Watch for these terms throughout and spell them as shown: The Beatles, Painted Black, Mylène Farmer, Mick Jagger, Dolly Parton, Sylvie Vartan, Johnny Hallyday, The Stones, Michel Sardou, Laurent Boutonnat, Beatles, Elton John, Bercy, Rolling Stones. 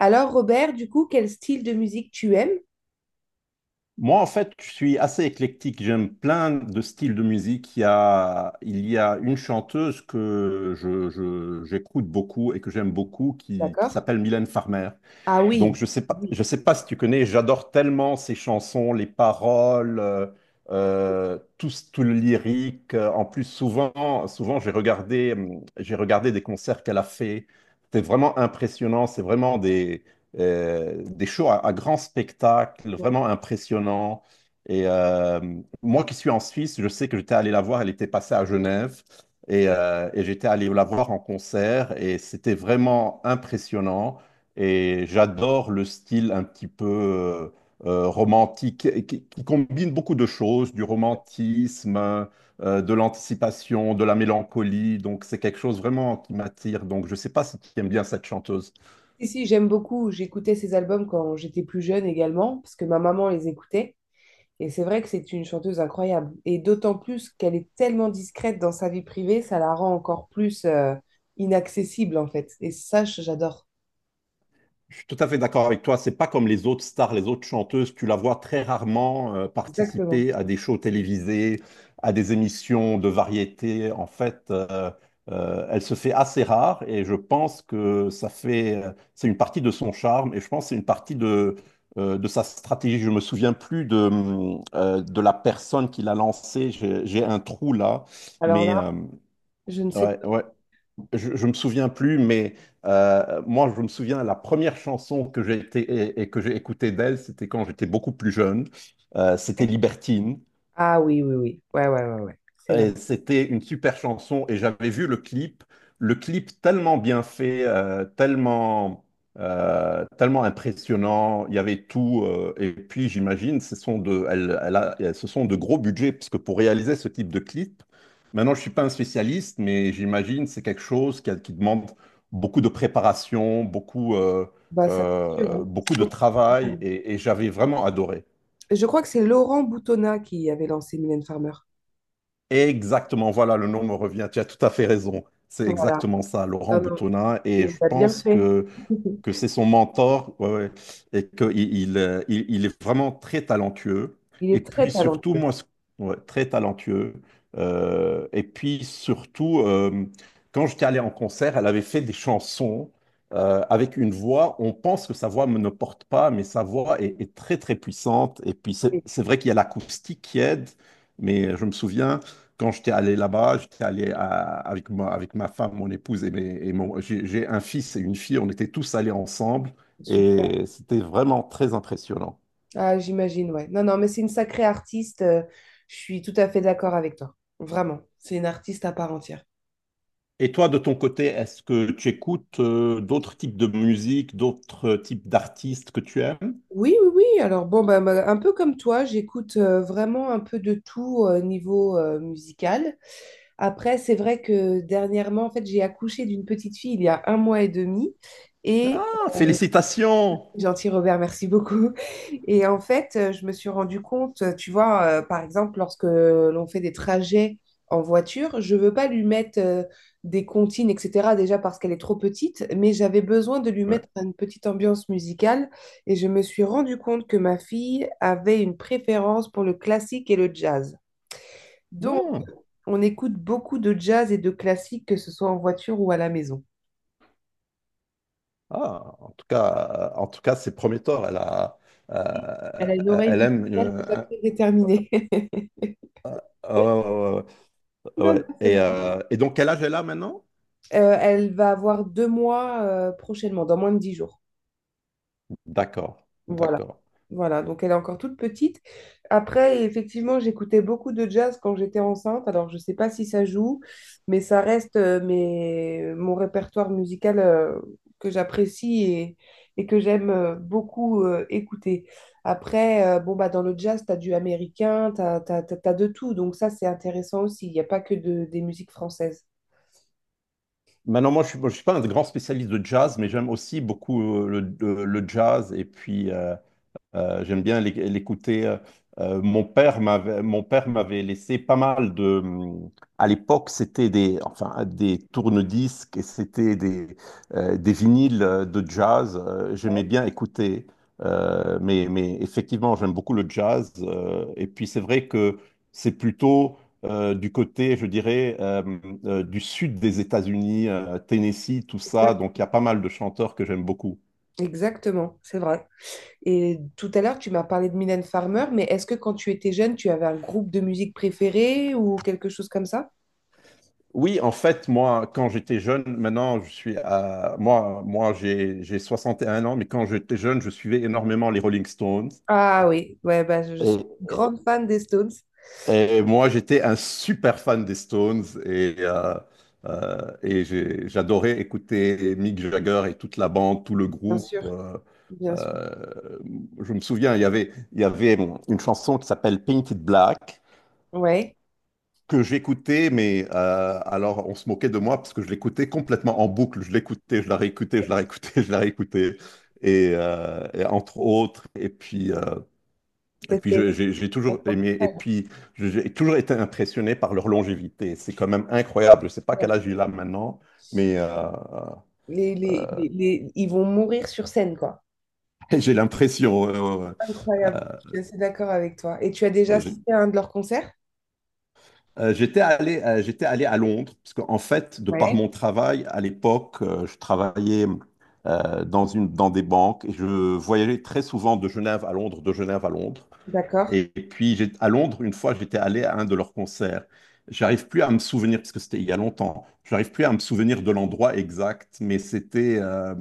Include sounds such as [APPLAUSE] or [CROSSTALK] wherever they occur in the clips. Alors, Robert, du coup, quel style de musique tu aimes? Moi, en fait, je suis assez éclectique. J'aime plein de styles de musique. Il y a une chanteuse que j'écoute beaucoup et que j'aime beaucoup qui D'accord. s'appelle Mylène Farmer. Ah Donc, oui. Je Oui. sais pas si tu connais, j'adore tellement ses chansons, les paroles, tout, tout le lyrique. En plus, souvent j'ai regardé des concerts qu'elle a fait. C'était vraiment impressionnant. C'est vraiment des shows à grand spectacle, vraiment impressionnant. Et moi qui suis en Suisse, je sais que j'étais allé la voir. Elle était passée à Genève. Et et j'étais allé la voir en concert et c'était vraiment impressionnant. Et j'adore le style un petit peu romantique et qui combine beaucoup de choses, du romantisme, de l'anticipation, de la mélancolie. Donc c'est quelque chose vraiment qui m'attire. Donc je ne sais pas si tu aimes bien cette chanteuse. Si, si, j'aime beaucoup. J'écoutais ces albums quand j'étais plus jeune également, parce que ma maman les écoutait. Et c'est vrai que c'est une chanteuse incroyable. Et d'autant plus qu'elle est tellement discrète dans sa vie privée, ça la rend encore plus inaccessible en fait. Et ça, j'adore. Je suis tout à fait d'accord avec toi. C'est pas comme les autres stars, les autres chanteuses. Tu la vois très rarement Exactement. participer à des shows télévisés, à des émissions de variété. En fait, elle se fait assez rare et je pense que ça fait, c'est une partie de son charme et je pense que c'est une partie de sa stratégie. Je me souviens plus de la personne qui l'a lancée. J'ai un trou là, Alors mais là, je ne sais ouais, pas. ouais, je me souviens plus, mais moi, je me souviens, la première chanson que j'ai été et que j'ai écoutée d'elle, c'était quand j'étais beaucoup plus jeune. C'était Libertine. Ah oui, oui, oui. Ouais, ouais, ouais, ouais. C'est vrai. Et c'était une super chanson et j'avais vu le clip tellement bien fait, tellement, tellement impressionnant. Il y avait tout. Et puis j'imagine, ce sont de, elle, ce sont de gros budgets parce que pour réaliser ce type de clip, maintenant je suis pas un spécialiste, mais j'imagine c'est quelque chose qui demande beaucoup de préparation, Bah, ça, c'est sûr, hein. Beaucoup C'est de travail et j'avais vraiment adoré. Je crois que c'est Laurent Boutonnat qui avait lancé Mylène Farmer. Exactement, voilà, le nom me revient. Tu as tout à fait raison. C'est Voilà. exactement ça, Laurent Non, non, Boutonnat. Et il je a bien pense fait. Que [LAUGHS] c'est son mentor, ouais, ouais, et qu'il il est vraiment très talentueux. Il Et est très puis surtout, talentueux. moi, ouais, très talentueux. Et puis surtout, quand j'étais allé en concert, elle avait fait des chansons avec une voix. On pense que sa voix ne porte pas, mais sa voix est très, très puissante. Et puis c'est Oui, c'est vrai qu'il y a l'acoustique qui aide, mais je me souviens. Quand j'étais allé là-bas, avec, moi, avec ma femme, mon épouse j'ai un fils et une fille. On était tous allés ensemble super. et c'était vraiment très impressionnant. Ah, j'imagine, ouais. Non, non, mais c'est une sacrée artiste, je suis tout à fait d'accord avec toi. Vraiment. C'est une artiste à part entière. Et toi, de ton côté, est-ce que tu écoutes d'autres types de musique, d'autres types d'artistes que tu aimes? Oui, oui, oui. Alors, bon, bah, un peu comme toi, j'écoute vraiment un peu de tout niveau musical. Après, c'est vrai que dernièrement, en fait, j'ai accouché d'une petite fille il y a un mois et demi. Et Ah, félicitations! Gentil Robert, merci beaucoup. Et en fait, je me suis rendu compte, tu vois, par exemple, lorsque l'on fait des trajets en voiture, je veux pas lui mettre des comptines, etc., déjà parce qu'elle est trop petite, mais j'avais besoin de lui Ouais. mettre une petite ambiance musicale. Et je me suis rendu compte que ma fille avait une préférence pour le classique et le jazz. Donc, Hmm. on écoute beaucoup de jazz et de classique, que ce soit en voiture ou à la maison. Ah, en tout cas, c'est prometteur. Elle a, Elle euh, a une oreille elle aime. musicale déjà très déterminée. [LAUGHS] Oh, ouais. Non, Ouais. non, c'est Et donc, quel âge elle a maintenant? Elle va avoir deux mois prochainement, dans moins de dix jours. D'accord, Voilà. d'accord. Voilà, donc elle est encore toute petite. Après, effectivement, j'écoutais beaucoup de jazz quand j'étais enceinte. Alors, je ne sais pas si ça joue, mais ça reste mon répertoire musical que j'apprécie, et que j'aime beaucoup écouter. Après, bon, bah, dans le jazz, tu as du américain, tu as de tout. Donc ça, c'est intéressant aussi. Il n'y a pas que des musiques françaises. Maintenant, moi, je suis pas un grand spécialiste de jazz, mais j'aime aussi beaucoup le jazz et puis j'aime bien l'écouter. Mon père m'avait laissé pas mal de. À l'époque, des tourne-disques et c'était des vinyles de jazz. J'aimais bien écouter. Mais effectivement, j'aime beaucoup le jazz. Et puis, c'est vrai que c'est plutôt du côté, je dirais, du sud des États-Unis, Tennessee, tout ça. Donc, il y a pas mal de chanteurs que j'aime beaucoup. Exactement, c'est vrai. Et tout à l'heure, tu m'as parlé de Mylène Farmer, mais est-ce que quand tu étais jeune, tu avais un groupe de musique préféré ou quelque chose comme ça? Oui, en fait, moi, quand j'étais jeune, maintenant, je suis à... j'ai 61 ans, mais quand j'étais jeune, je suivais énormément les Rolling Stones. Ah oui, ouais, bah, je suis Et, grande fan des Stones, moi, j'étais un super fan des Stones et j'adorais écouter Mick Jagger et toute la bande, tout le bien groupe. sûr, bien sûr. euh, je me souviens, il y avait une chanson qui s'appelle Painted Black, Ouais, que j'écoutais, mais alors on se moquait de moi parce que je l'écoutais complètement en boucle. Je l'écoutais, je la réécoutais, [LAUGHS] je la réécoutais. Entre autres, mais c'est- j'ai toujours aimé, et puis j'ai toujours été impressionné par leur longévité. C'est quand même incroyable. Je ne sais pas quel âge il a maintenant, mais ils vont mourir sur scène, quoi. [LAUGHS] j'ai l'impression, euh, Incroyable, euh, je suis assez d'accord avec toi. Et tu as déjà euh, assisté à un de leurs concerts? J'étais allé à Londres, parce qu'en fait, de par Ouais. mon travail, à l'époque, je travaillais dans des banques et je voyageais très souvent de Genève à Londres, de Genève à Londres. D'accord. À Londres, une fois, j'étais allé à un de leurs concerts. J'arrive plus à me souvenir, parce que c'était il y a longtemps, j'arrive plus à me souvenir de l'endroit exact, mais c'était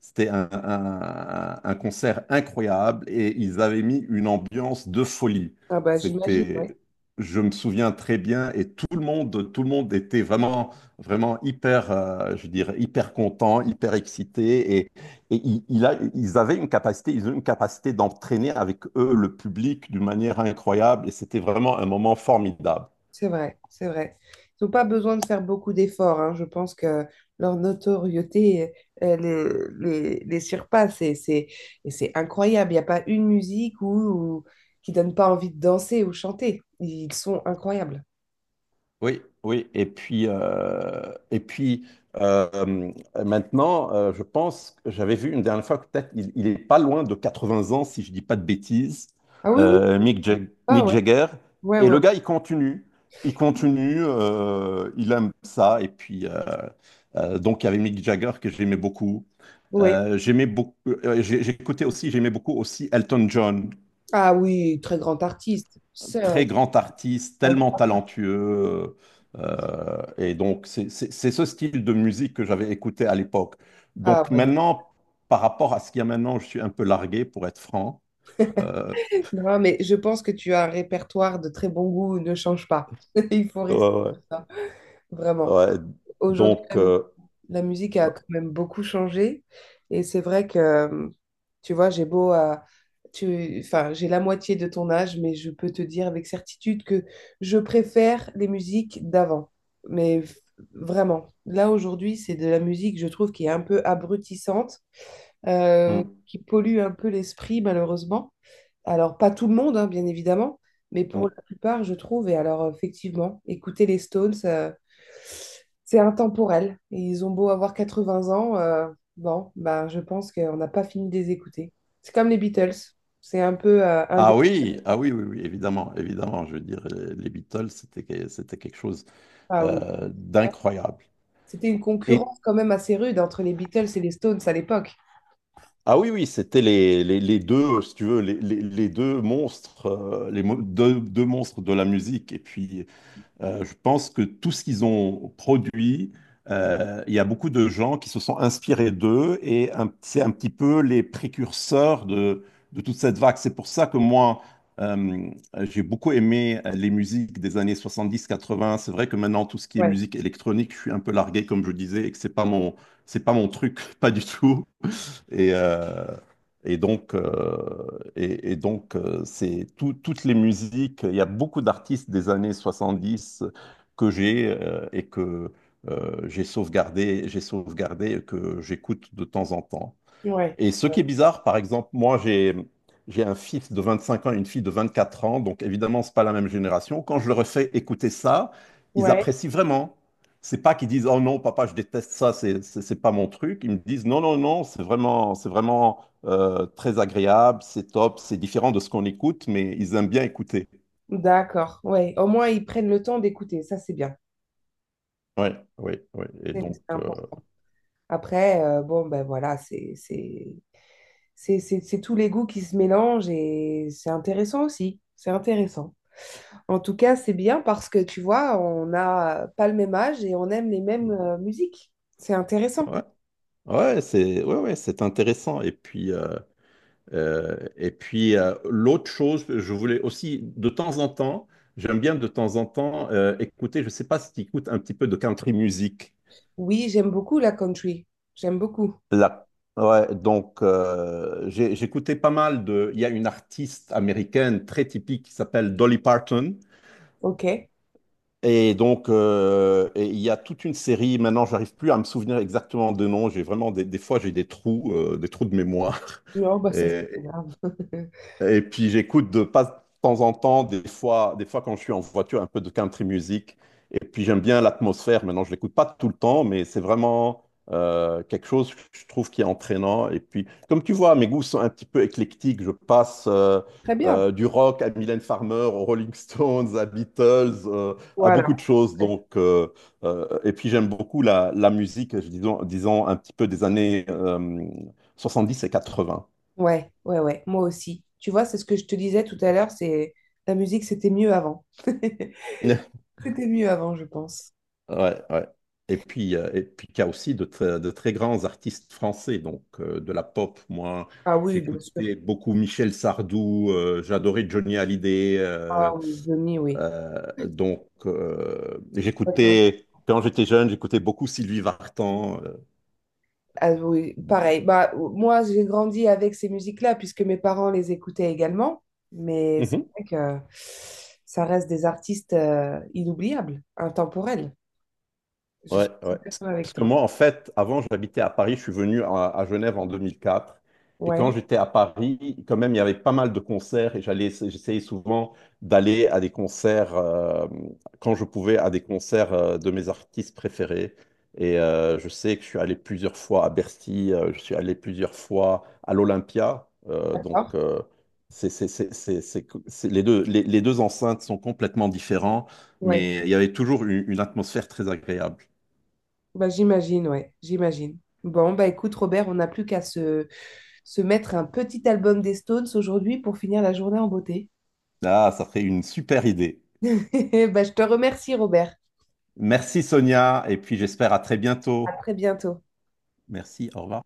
c'était un concert incroyable et ils avaient mis une ambiance de folie. Ah bah j'imagine, C'était, ouais. je me souviens très bien et tout le monde était vraiment, vraiment hyper, je dirais, hyper content, hyper excité et ils avaient une capacité, ils ont une capacité d'entraîner avec eux le public d'une manière incroyable. Et c'était vraiment un moment formidable. C'est vrai, c'est vrai. Ils n'ont pas besoin de faire beaucoup d'efforts, hein. Je pense que leur notoriété euh, les surpasse et c'est incroyable. Il n'y a pas une musique où, où- qui donne pas envie de danser ou chanter. Ils sont incroyables. Oui, oui. Et puis euh, maintenant, je pense que j'avais vu une dernière fois que peut-être il est pas loin de 80 ans, si je dis pas de bêtises, Ah oui, oui. Mick Ah Mick ouais. Jagger. Ouais, Et ouais, le ouais. gars, il continue. Il continue, il aime ça. Donc, il y avait Mick Jagger que j'aimais beaucoup. Ouais. J'écoutais aussi, j'aimais beaucoup aussi Elton John, Ah oui, très grand artiste. Sœur. très Est grand artiste, tellement talentueux. Donc, c'est ce style de musique que j'avais écouté à l'époque. Ah Donc ouais. maintenant, par rapport à ce qu'il y a maintenant, je suis un peu largué, pour être franc. Euh, Non, mais je pense que tu as un répertoire de très bon goût. Ne change pas. [LAUGHS] Il faut rester ouais, comme ça, ouais, vraiment. ouais. Aujourd'hui, Donc, euh, la musique a euh, quand même beaucoup changé. Et c'est vrai que, tu vois, j'ai beau à... Enfin, j'ai la moitié de ton âge, mais je peux te dire avec certitude que je préfère les musiques d'avant. Mais v- Vraiment, là aujourd'hui, c'est de la musique, je trouve, qui est un peu abrutissante, qui pollue un peu l'esprit, malheureusement. Alors, pas tout le monde, hein, bien évidemment, mais hmm, pour hmm. la plupart, je trouve. Et alors, effectivement, écouter les Stones, c'est intemporel. Et ils ont beau avoir 80 ans, bon, ben, je pense qu'on n'a pas fini de les écouter. C'est comme les Beatles. C'est un peu un des. Ah oui, ah oui, oui, oui, évidemment, évidemment. Je veux dire, les Beatles, c'était quelque chose Ah oui. Ouais. d'incroyable. C'était une Et concurrence quand même assez rude entre les Beatles et les Stones à l'époque. ah oui, oui, c'était les deux, si tu veux, les deux monstres, deux monstres de la musique. Et puis, je pense que tout ce qu'ils ont produit, il y a beaucoup de gens qui se sont inspirés d'eux c'est un petit peu les précurseurs de toute cette vague. C'est pour ça que moi, euh, j'ai beaucoup aimé les musiques des années 70, 80 C'est vrai que maintenant, tout ce qui est Ouais, musique électronique, je suis un peu largué, comme je disais, et que c'est pas mon truc, [LAUGHS] pas du tout. Et, euh, et donc, euh, donc toutes les musiques. Il y a beaucoup d'artistes des années 70 que j'ai sauvegardé et que j'écoute de temps en temps. ouais, Et ce qui ouais. est bizarre, par exemple, j'ai un fils de 25 ans et une fille de 24 ans, donc évidemment, c'est pas la même génération. Quand je leur fais écouter ça, ils Ouais, apprécient vraiment. C'est pas qu'ils disent, oh non, papa, je déteste ça, c'est pas mon truc. Ils me disent, non, non, non, c'est vraiment très agréable, c'est top, c'est différent de ce qu'on écoute, mais ils aiment bien écouter. d'accord. Ouais, au moins ils prennent le temps d'écouter, ça c'est bien. Ouais, ouais, ouais. C'est important. Après, bon, ben voilà, c'est tous les goûts qui se mélangent et c'est intéressant aussi. C'est intéressant. En tout cas, c'est bien parce que tu vois, on n'a pas le même âge et on aime les mêmes musiques. C'est intéressant. Ouais, ouais, ouais, ouais, c'est intéressant. L'autre chose, je voulais aussi, de temps en temps, j'aime bien de temps en temps écouter, je ne sais pas si tu écoutes un petit peu de country music. Oui, j'aime beaucoup la country. J'aime beaucoup. La- Ouais, donc, j'écoutais pas mal de... Il y a une artiste américaine très typique qui s'appelle Dolly Parton. Ok. Et donc, et il y a toute une série, maintenant, j'arrive plus à me souvenir exactement de nom. J'ai vraiment des fois, j'ai des trous de mémoire. Non, bah [LAUGHS] ça, c'est pas Et, grave. [LAUGHS] Et puis j'écoute de pas de temps en temps, des fois quand je suis en voiture, un peu de country music. Et puis j'aime bien l'atmosphère. Maintenant, je l'écoute pas tout le temps, mais c'est vraiment quelque chose que je trouve qui est entraînant. Et puis, comme tu vois, mes goûts sont un petit peu éclectiques. Je passe Très bien. Du rock à Mylène Farmer, aux Rolling Stones, à Beatles, à beaucoup Voilà. de choses. Et puis j'aime beaucoup la musique, disons un petit peu des années 10 et 80. Ouais, ouais, ouais. Moi aussi. Tu vois, c'est ce que je te disais tout à l'heure, c'est la musique, c'était mieux avant. [LAUGHS] [LAUGHS] C'était mieux avant, je pense. Ouais, ouais. Et puis il y a aussi de, de très grands artistes français, donc de la pop. Moi, Ah oui, bien sûr. j'écoutais beaucoup Michel Sardou, j'adorais Johnny Hallyday. Ah oui, Johnny, oui. Donc, Je suis d'accord. j'écoutais, quand j'étais jeune, j'écoutais beaucoup Sylvie Vartan. Ah oui, pareil. Bah, moi, j'ai grandi avec ces musiques-là puisque mes parents les écoutaient également. Mais c'est Euh. vrai que ça reste des artistes inoubliables, intemporels. Je suis Ouais, ouais. tout à fait Parce d'accord avec que toi. moi, en fait, avant, j'habitais à Paris. Je suis venu à Genève en 2004. Et quand Ouais, j'étais à Paris, quand même, il y avait pas mal de concerts et j'essayais souvent d'aller à des concerts, quand je pouvais, à des concerts de mes artistes préférés. Et je sais que je suis allé plusieurs fois à Bercy, je suis allé plusieurs fois à l'Olympia. D'accord. Donc, c'est- les deux, les deux enceintes sont complètement différentes, Ouais. mais il y avait toujours une atmosphère très agréable. Bah, j'imagine, ouais, j'imagine. Bon, bah écoute, Robert, on n'a plus qu'à se, se mettre un petit album des Stones aujourd'hui pour finir la journée en beauté. Ah, ça ferait une super idée. [LAUGHS] Bah, je te remercie, Robert. Merci Sonia, et puis j'espère à très À bientôt. très bientôt. Merci, au revoir.